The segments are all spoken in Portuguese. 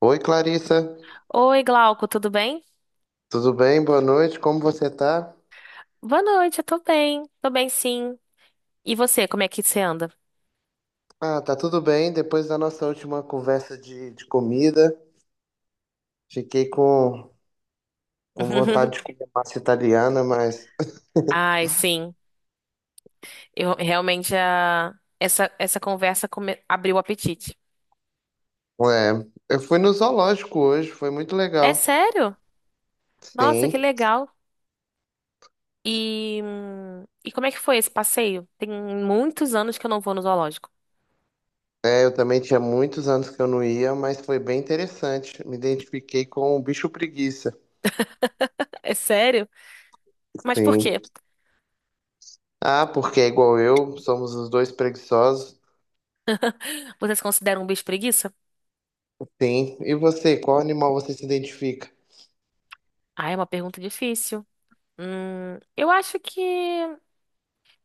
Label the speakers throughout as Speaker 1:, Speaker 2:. Speaker 1: Oi, Clarissa,
Speaker 2: Oi, Glauco, tudo bem?
Speaker 1: tudo bem? Boa noite, como você tá?
Speaker 2: Boa noite, eu tô bem. Tô bem, sim. E você, como é que você anda?
Speaker 1: Ah, tá tudo bem. Depois da nossa última conversa de comida, fiquei com vontade de comer massa italiana, mas
Speaker 2: Ai, sim. Eu realmente a... essa conversa come- abriu o apetite.
Speaker 1: é, eu fui no zoológico hoje, foi muito
Speaker 2: É
Speaker 1: legal.
Speaker 2: sério? Nossa, que
Speaker 1: Sim,
Speaker 2: legal. E como é que foi esse passeio? Tem muitos anos que eu não vou no zoológico.
Speaker 1: é, eu também tinha muitos anos que eu não ia, mas foi bem interessante. Me identifiquei com o bicho preguiça.
Speaker 2: É sério? Mas por quê?
Speaker 1: Sim. Ah, porque é igual eu, somos os dois preguiçosos.
Speaker 2: Você se considera um bicho preguiça?
Speaker 1: Sim. E você, qual animal você se identifica?
Speaker 2: Ah, é uma pergunta difícil. Eu acho que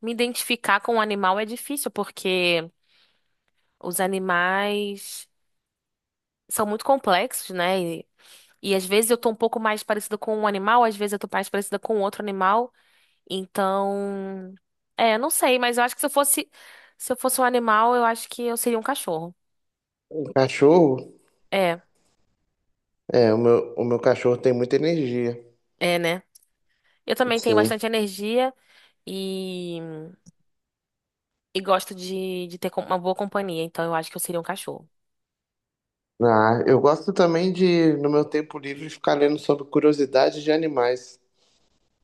Speaker 2: me identificar com um animal é difícil, porque os animais são muito complexos, né? E às vezes eu tô um pouco mais parecida com um animal, às vezes eu tô mais parecida com outro animal. Então, é, não sei, mas eu acho que se eu fosse um animal, eu acho que eu seria um cachorro.
Speaker 1: Um cachorro?
Speaker 2: É,
Speaker 1: É, o meu cachorro tem muita energia.
Speaker 2: é, né? Eu também tenho
Speaker 1: Sim.
Speaker 2: bastante energia e, e gosto de ter com- uma boa companhia, então eu acho que eu seria um cachorro.
Speaker 1: Ah, eu gosto também de, no meu tempo livre, ficar lendo sobre curiosidades de animais.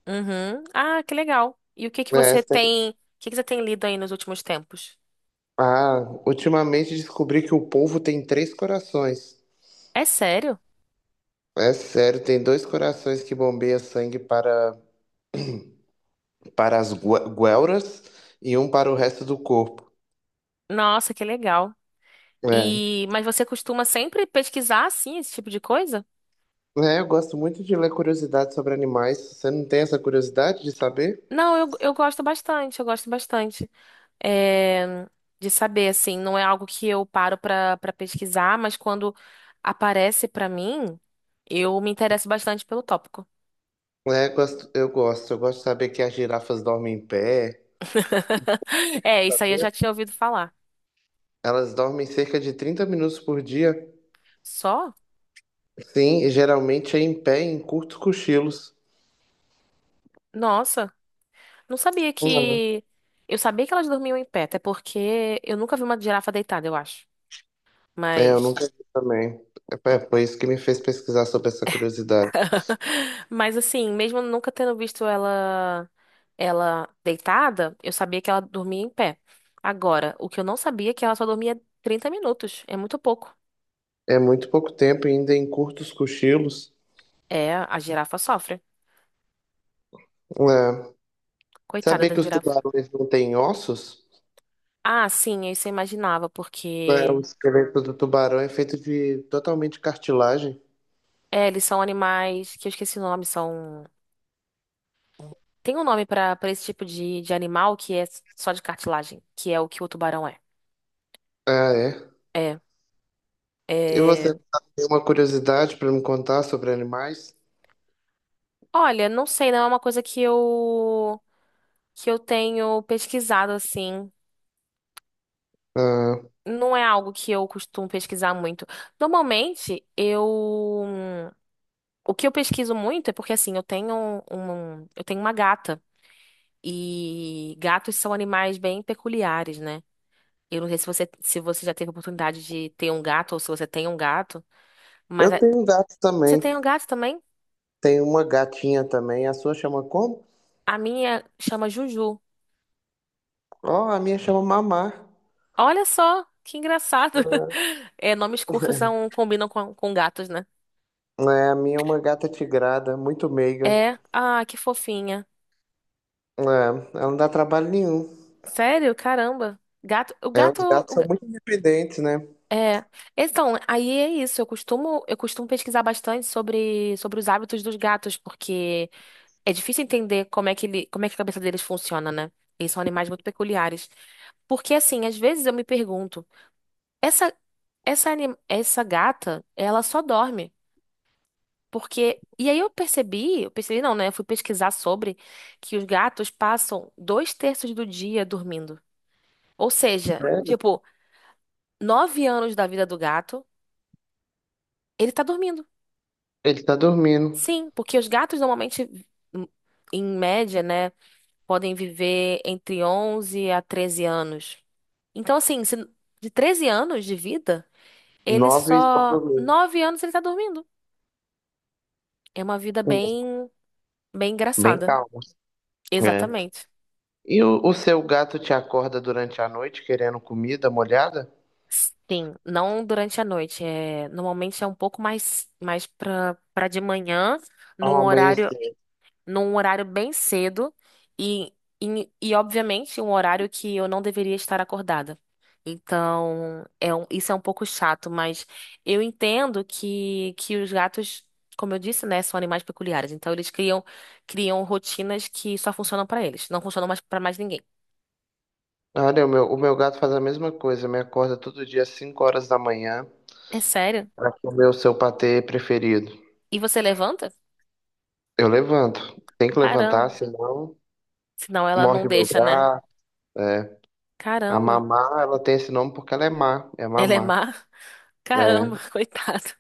Speaker 2: Uhum. Ah, que legal. E
Speaker 1: É, sei.
Speaker 2: o que que você tem lido aí nos últimos tempos?
Speaker 1: Ah, ultimamente descobri que o polvo tem três corações.
Speaker 2: É sério?
Speaker 1: É sério, tem dois corações que bombeiam sangue para as guelras e um para o resto do corpo.
Speaker 2: Nossa, que legal.
Speaker 1: É.
Speaker 2: E, mas você costuma sempre pesquisar assim esse tipo de coisa?
Speaker 1: É, eu gosto muito de ler curiosidades sobre animais. Você não tem essa curiosidade de saber?
Speaker 2: Não, eu gosto bastante é, de saber assim. Não é algo que eu paro pra para pesquisar, mas quando aparece pra mim, eu me interesso bastante pelo tópico.
Speaker 1: É, gosto, eu gosto. Eu gosto de saber que as girafas dormem em pé.
Speaker 2: É, isso aí eu já tinha ouvido falar.
Speaker 1: Elas dormem cerca de 30 minutos por dia,
Speaker 2: Só?
Speaker 1: sim, e geralmente é em pé, em curtos cochilos.
Speaker 2: Nossa, não sabia
Speaker 1: Uhum.
Speaker 2: que. Eu sabia que elas dormiam em pé, até porque eu nunca vi uma girafa deitada, eu acho.
Speaker 1: É, eu
Speaker 2: Mas.
Speaker 1: nunca vi também. Foi isso que me fez pesquisar sobre essa curiosidade.
Speaker 2: Mas assim, mesmo nunca tendo visto ela deitada, eu sabia que ela dormia em pé. Agora, o que eu não sabia é que ela só dormia 30 minutos. É muito pouco.
Speaker 1: É muito pouco tempo e ainda em curtos cochilos.
Speaker 2: É, a girafa sofre.
Speaker 1: É.
Speaker 2: Coitada
Speaker 1: Sabia
Speaker 2: da
Speaker 1: que os
Speaker 2: girafa.
Speaker 1: tubarões não têm ossos?
Speaker 2: Ah, sim, isso eu imaginava,
Speaker 1: É, o
Speaker 2: porque
Speaker 1: esqueleto do tubarão é feito de totalmente cartilagem.
Speaker 2: é, eles são animais que eu esqueci o nome, são. Tem um nome pra para esse tipo de animal que é só de cartilagem, que é o que o tubarão é.
Speaker 1: Ah, é.
Speaker 2: É,
Speaker 1: E você
Speaker 2: é.
Speaker 1: tem uma curiosidade para me contar sobre animais?
Speaker 2: Olha, não sei, não é uma coisa que eu tenho pesquisado assim.
Speaker 1: Ah,
Speaker 2: Não é algo que eu costumo pesquisar muito. Normalmente, eu o que eu pesquiso muito é porque assim, eu tenho uma gata e gatos são animais bem peculiares, né? Eu não sei se você já teve a oportunidade de ter um gato ou se você tem um gato, mas
Speaker 1: eu
Speaker 2: a-
Speaker 1: tenho gatos
Speaker 2: você
Speaker 1: também.
Speaker 2: tem um gato também?
Speaker 1: Tem uma gatinha também. A sua chama como?
Speaker 2: A minha chama Juju.
Speaker 1: Ó, a minha chama Mamá.
Speaker 2: Olha só, que engraçado. É, nomes curtos não combinam com gatos, né?
Speaker 1: É, a minha é uma gata tigrada, muito meiga.
Speaker 2: É, ah, que fofinha.
Speaker 1: É, ela não dá trabalho nenhum.
Speaker 2: Sério? Caramba. Gato, o
Speaker 1: É,
Speaker 2: gato,
Speaker 1: os gatos
Speaker 2: o
Speaker 1: são
Speaker 2: ga-
Speaker 1: muito independentes, né?
Speaker 2: É. Então, aí é isso. Eu costumo pesquisar bastante sobre, sobre os hábitos dos gatos, porque é difícil entender como é que a cabeça deles funciona, né? Eles são animais muito peculiares. Porque assim, às vezes eu me pergunto, essa essa gata, ela só dorme. Porque e aí eu percebi não, né? Eu fui pesquisar sobre que os gatos passam dois terços do dia dormindo. Ou seja,
Speaker 1: É,
Speaker 2: tipo 9 anos da vida do gato, ele tá dormindo.
Speaker 1: ele tá dormindo.
Speaker 2: Sim, porque os gatos normalmente, em em média, né, podem viver entre 11 a 13 anos. Então, assim, se- de 13 anos de vida, ele
Speaker 1: Nove estão
Speaker 2: só.
Speaker 1: dormindo.
Speaker 2: 9 anos ele tá dormindo. É uma vida
Speaker 1: Hum,
Speaker 2: bem, bem
Speaker 1: Bem
Speaker 2: engraçada.
Speaker 1: calmo. É.
Speaker 2: Exatamente.
Speaker 1: E o seu gato te acorda durante a noite querendo comida molhada?
Speaker 2: Sim, não durante a noite. É, normalmente é um pouco mais, mais pra, pra de manhã,
Speaker 1: Ao
Speaker 2: num horário
Speaker 1: amanhecer.
Speaker 2: num horário bem cedo e, e, obviamente, um horário que eu não deveria estar acordada. Então, é um- isso é um pouco chato, mas eu entendo que os gatos, como eu disse, né, são animais peculiares. Então, criam rotinas que só funcionam para eles, não funcionam mais para mais ninguém.
Speaker 1: Olha, o meu gato faz a mesma coisa, me acorda todo dia às 5 horas da manhã
Speaker 2: É sério?
Speaker 1: para comer o seu patê preferido.
Speaker 2: E você levanta?
Speaker 1: Eu levanto. Tem que levantar,
Speaker 2: Caramba.
Speaker 1: senão
Speaker 2: Senão ela não
Speaker 1: morde meu
Speaker 2: deixa, né?
Speaker 1: braço. É. A
Speaker 2: Caramba.
Speaker 1: mamá, ela tem esse nome porque ela é má. É
Speaker 2: Ela é
Speaker 1: mamá.
Speaker 2: má?
Speaker 1: É.
Speaker 2: Caramba, coitada.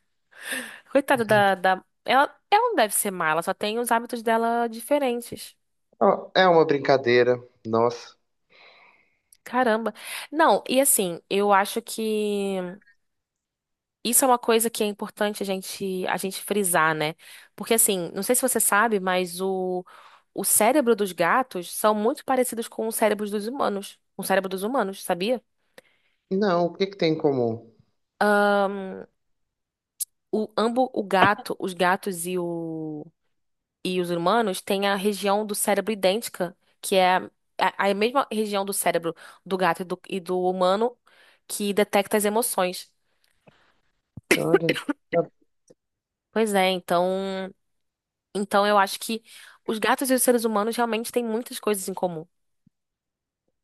Speaker 2: Coitada da, da... Ela não deve ser má, ela só tem os hábitos dela diferentes.
Speaker 1: Ó, é uma brincadeira. Nossa.
Speaker 2: Caramba. Não, e assim, eu acho que isso é uma coisa que é importante a gente frisar, né? Porque assim, não sei se você sabe, mas o cérebro dos gatos são muito parecidos com o cérebro dos humanos. Com o cérebro dos humanos, sabia?
Speaker 1: Não, o que que tem em comum?
Speaker 2: O, ambos, o gato, os gatos e os humanos têm a região do cérebro idêntica, que é a mesma região do cérebro do gato e do humano que detecta as emoções.
Speaker 1: Olha.
Speaker 2: Pois é, então, então eu acho que os gatos e os seres humanos realmente têm muitas coisas em comum.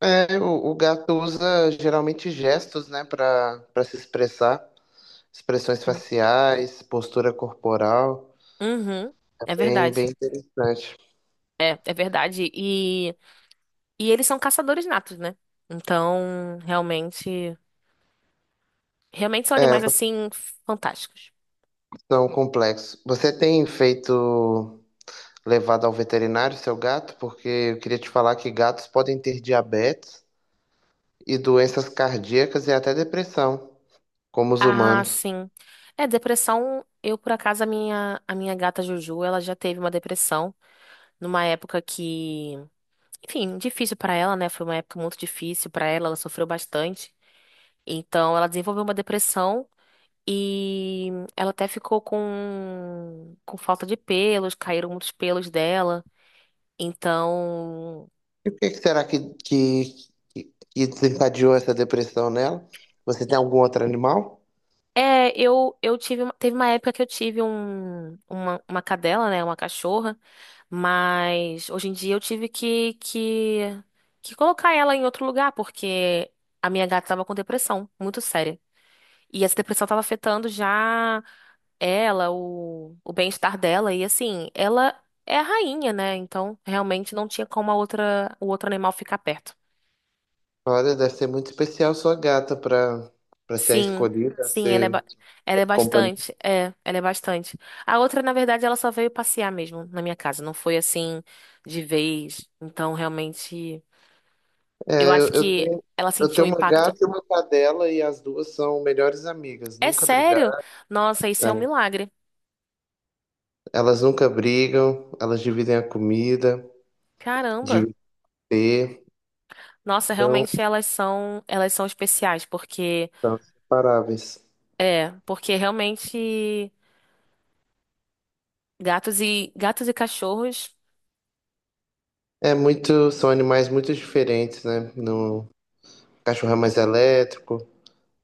Speaker 1: É, o gato usa geralmente gestos, né, para se expressar. Expressões
Speaker 2: Sim.
Speaker 1: faciais, postura corporal.
Speaker 2: Uhum,
Speaker 1: É
Speaker 2: é
Speaker 1: bem,
Speaker 2: verdade.
Speaker 1: bem interessante.
Speaker 2: É, é verdade. E eles são caçadores natos, né? Então, realmente, realmente são
Speaker 1: É,
Speaker 2: animais assim fantásticos.
Speaker 1: são complexos. Você tem feito levado ao veterinário, seu gato, porque eu queria te falar que gatos podem ter diabetes e doenças cardíacas e até depressão, como os
Speaker 2: Ah,
Speaker 1: humanos.
Speaker 2: sim. É, depressão. Eu, por acaso, a minha gata Juju, ela já teve uma depressão numa época que, enfim, difícil pra ela, né? Foi uma época muito difícil pra ela, ela sofreu bastante. Então, ela desenvolveu uma depressão e ela até ficou com falta de pelos, caíram muitos pelos dela. Então,
Speaker 1: E o que que será que, que que desencadeou essa depressão nela? Você tem algum outro animal?
Speaker 2: é, eu tive, uma- teve uma época que eu tive um, uma cadela, né? Uma cachorra. Mas hoje em dia eu tive que colocar ela em outro lugar, porque a minha gata estava com depressão, muito séria. E essa depressão estava afetando já ela, o bem-estar dela. E assim, ela é a rainha, né? Então realmente não tinha como a outra, o outro animal ficar perto.
Speaker 1: Olha, deve ser muito especial sua gata para ser a
Speaker 2: Sim,
Speaker 1: escolhida, a
Speaker 2: sim,
Speaker 1: ser
Speaker 2: ela é
Speaker 1: companhia.
Speaker 2: bastante. É, ela é bastante. A outra, na verdade, ela só veio passear mesmo na minha casa. Não foi assim de vez. Então realmente. Eu
Speaker 1: É, eu,
Speaker 2: acho
Speaker 1: eu
Speaker 2: que
Speaker 1: tenho,
Speaker 2: ela
Speaker 1: eu
Speaker 2: sentiu o
Speaker 1: tenho uma
Speaker 2: impacto.
Speaker 1: gata e uma cadela e as duas são melhores amigas,
Speaker 2: É
Speaker 1: nunca
Speaker 2: sério?
Speaker 1: brigaram.
Speaker 2: Nossa, isso é um
Speaker 1: Né?
Speaker 2: milagre.
Speaker 1: Elas nunca brigam, elas dividem a comida.
Speaker 2: Caramba.
Speaker 1: De ter
Speaker 2: Nossa,
Speaker 1: são,
Speaker 2: realmente elas são especiais, porque
Speaker 1: são inseparáveis.
Speaker 2: é, porque realmente gatos e cachorros,
Speaker 1: É muito, são animais muito diferentes, né? No, o cachorro é mais elétrico,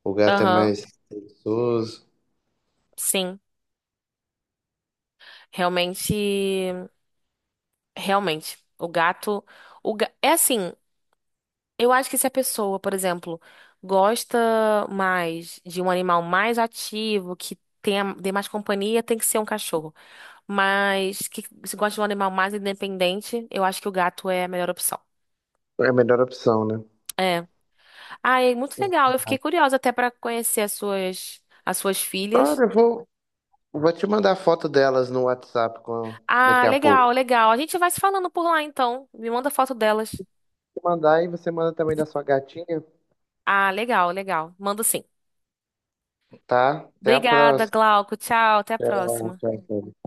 Speaker 1: o gato é
Speaker 2: aham,
Speaker 1: mais preguiçoso.
Speaker 2: sim, realmente, realmente. O gato, o ga- é assim, Eu acho que se a pessoa, por exemplo, gosta mais de um animal mais ativo, que tenha, dê mais companhia, tem que ser um cachorro. Mas que se gosta de um animal mais independente, eu acho que o gato é a melhor opção.
Speaker 1: É a melhor opção, né?
Speaker 2: É. Ah, é muito legal. Eu fiquei curiosa até pra conhecer as suas filhas.
Speaker 1: Agora eu vou, vou te mandar a foto delas no WhatsApp
Speaker 2: Ah,
Speaker 1: daqui a
Speaker 2: legal,
Speaker 1: pouco.
Speaker 2: legal. A gente vai se falando por lá então. Me manda foto delas.
Speaker 1: Vou mandar e você manda também da sua gatinha,
Speaker 2: Ah, legal, legal. Mando sim.
Speaker 1: tá? Até a
Speaker 2: Obrigada,
Speaker 1: próxima.
Speaker 2: Glauco. Tchau, até a
Speaker 1: Tchau,
Speaker 2: próxima.
Speaker 1: tchau, tchau.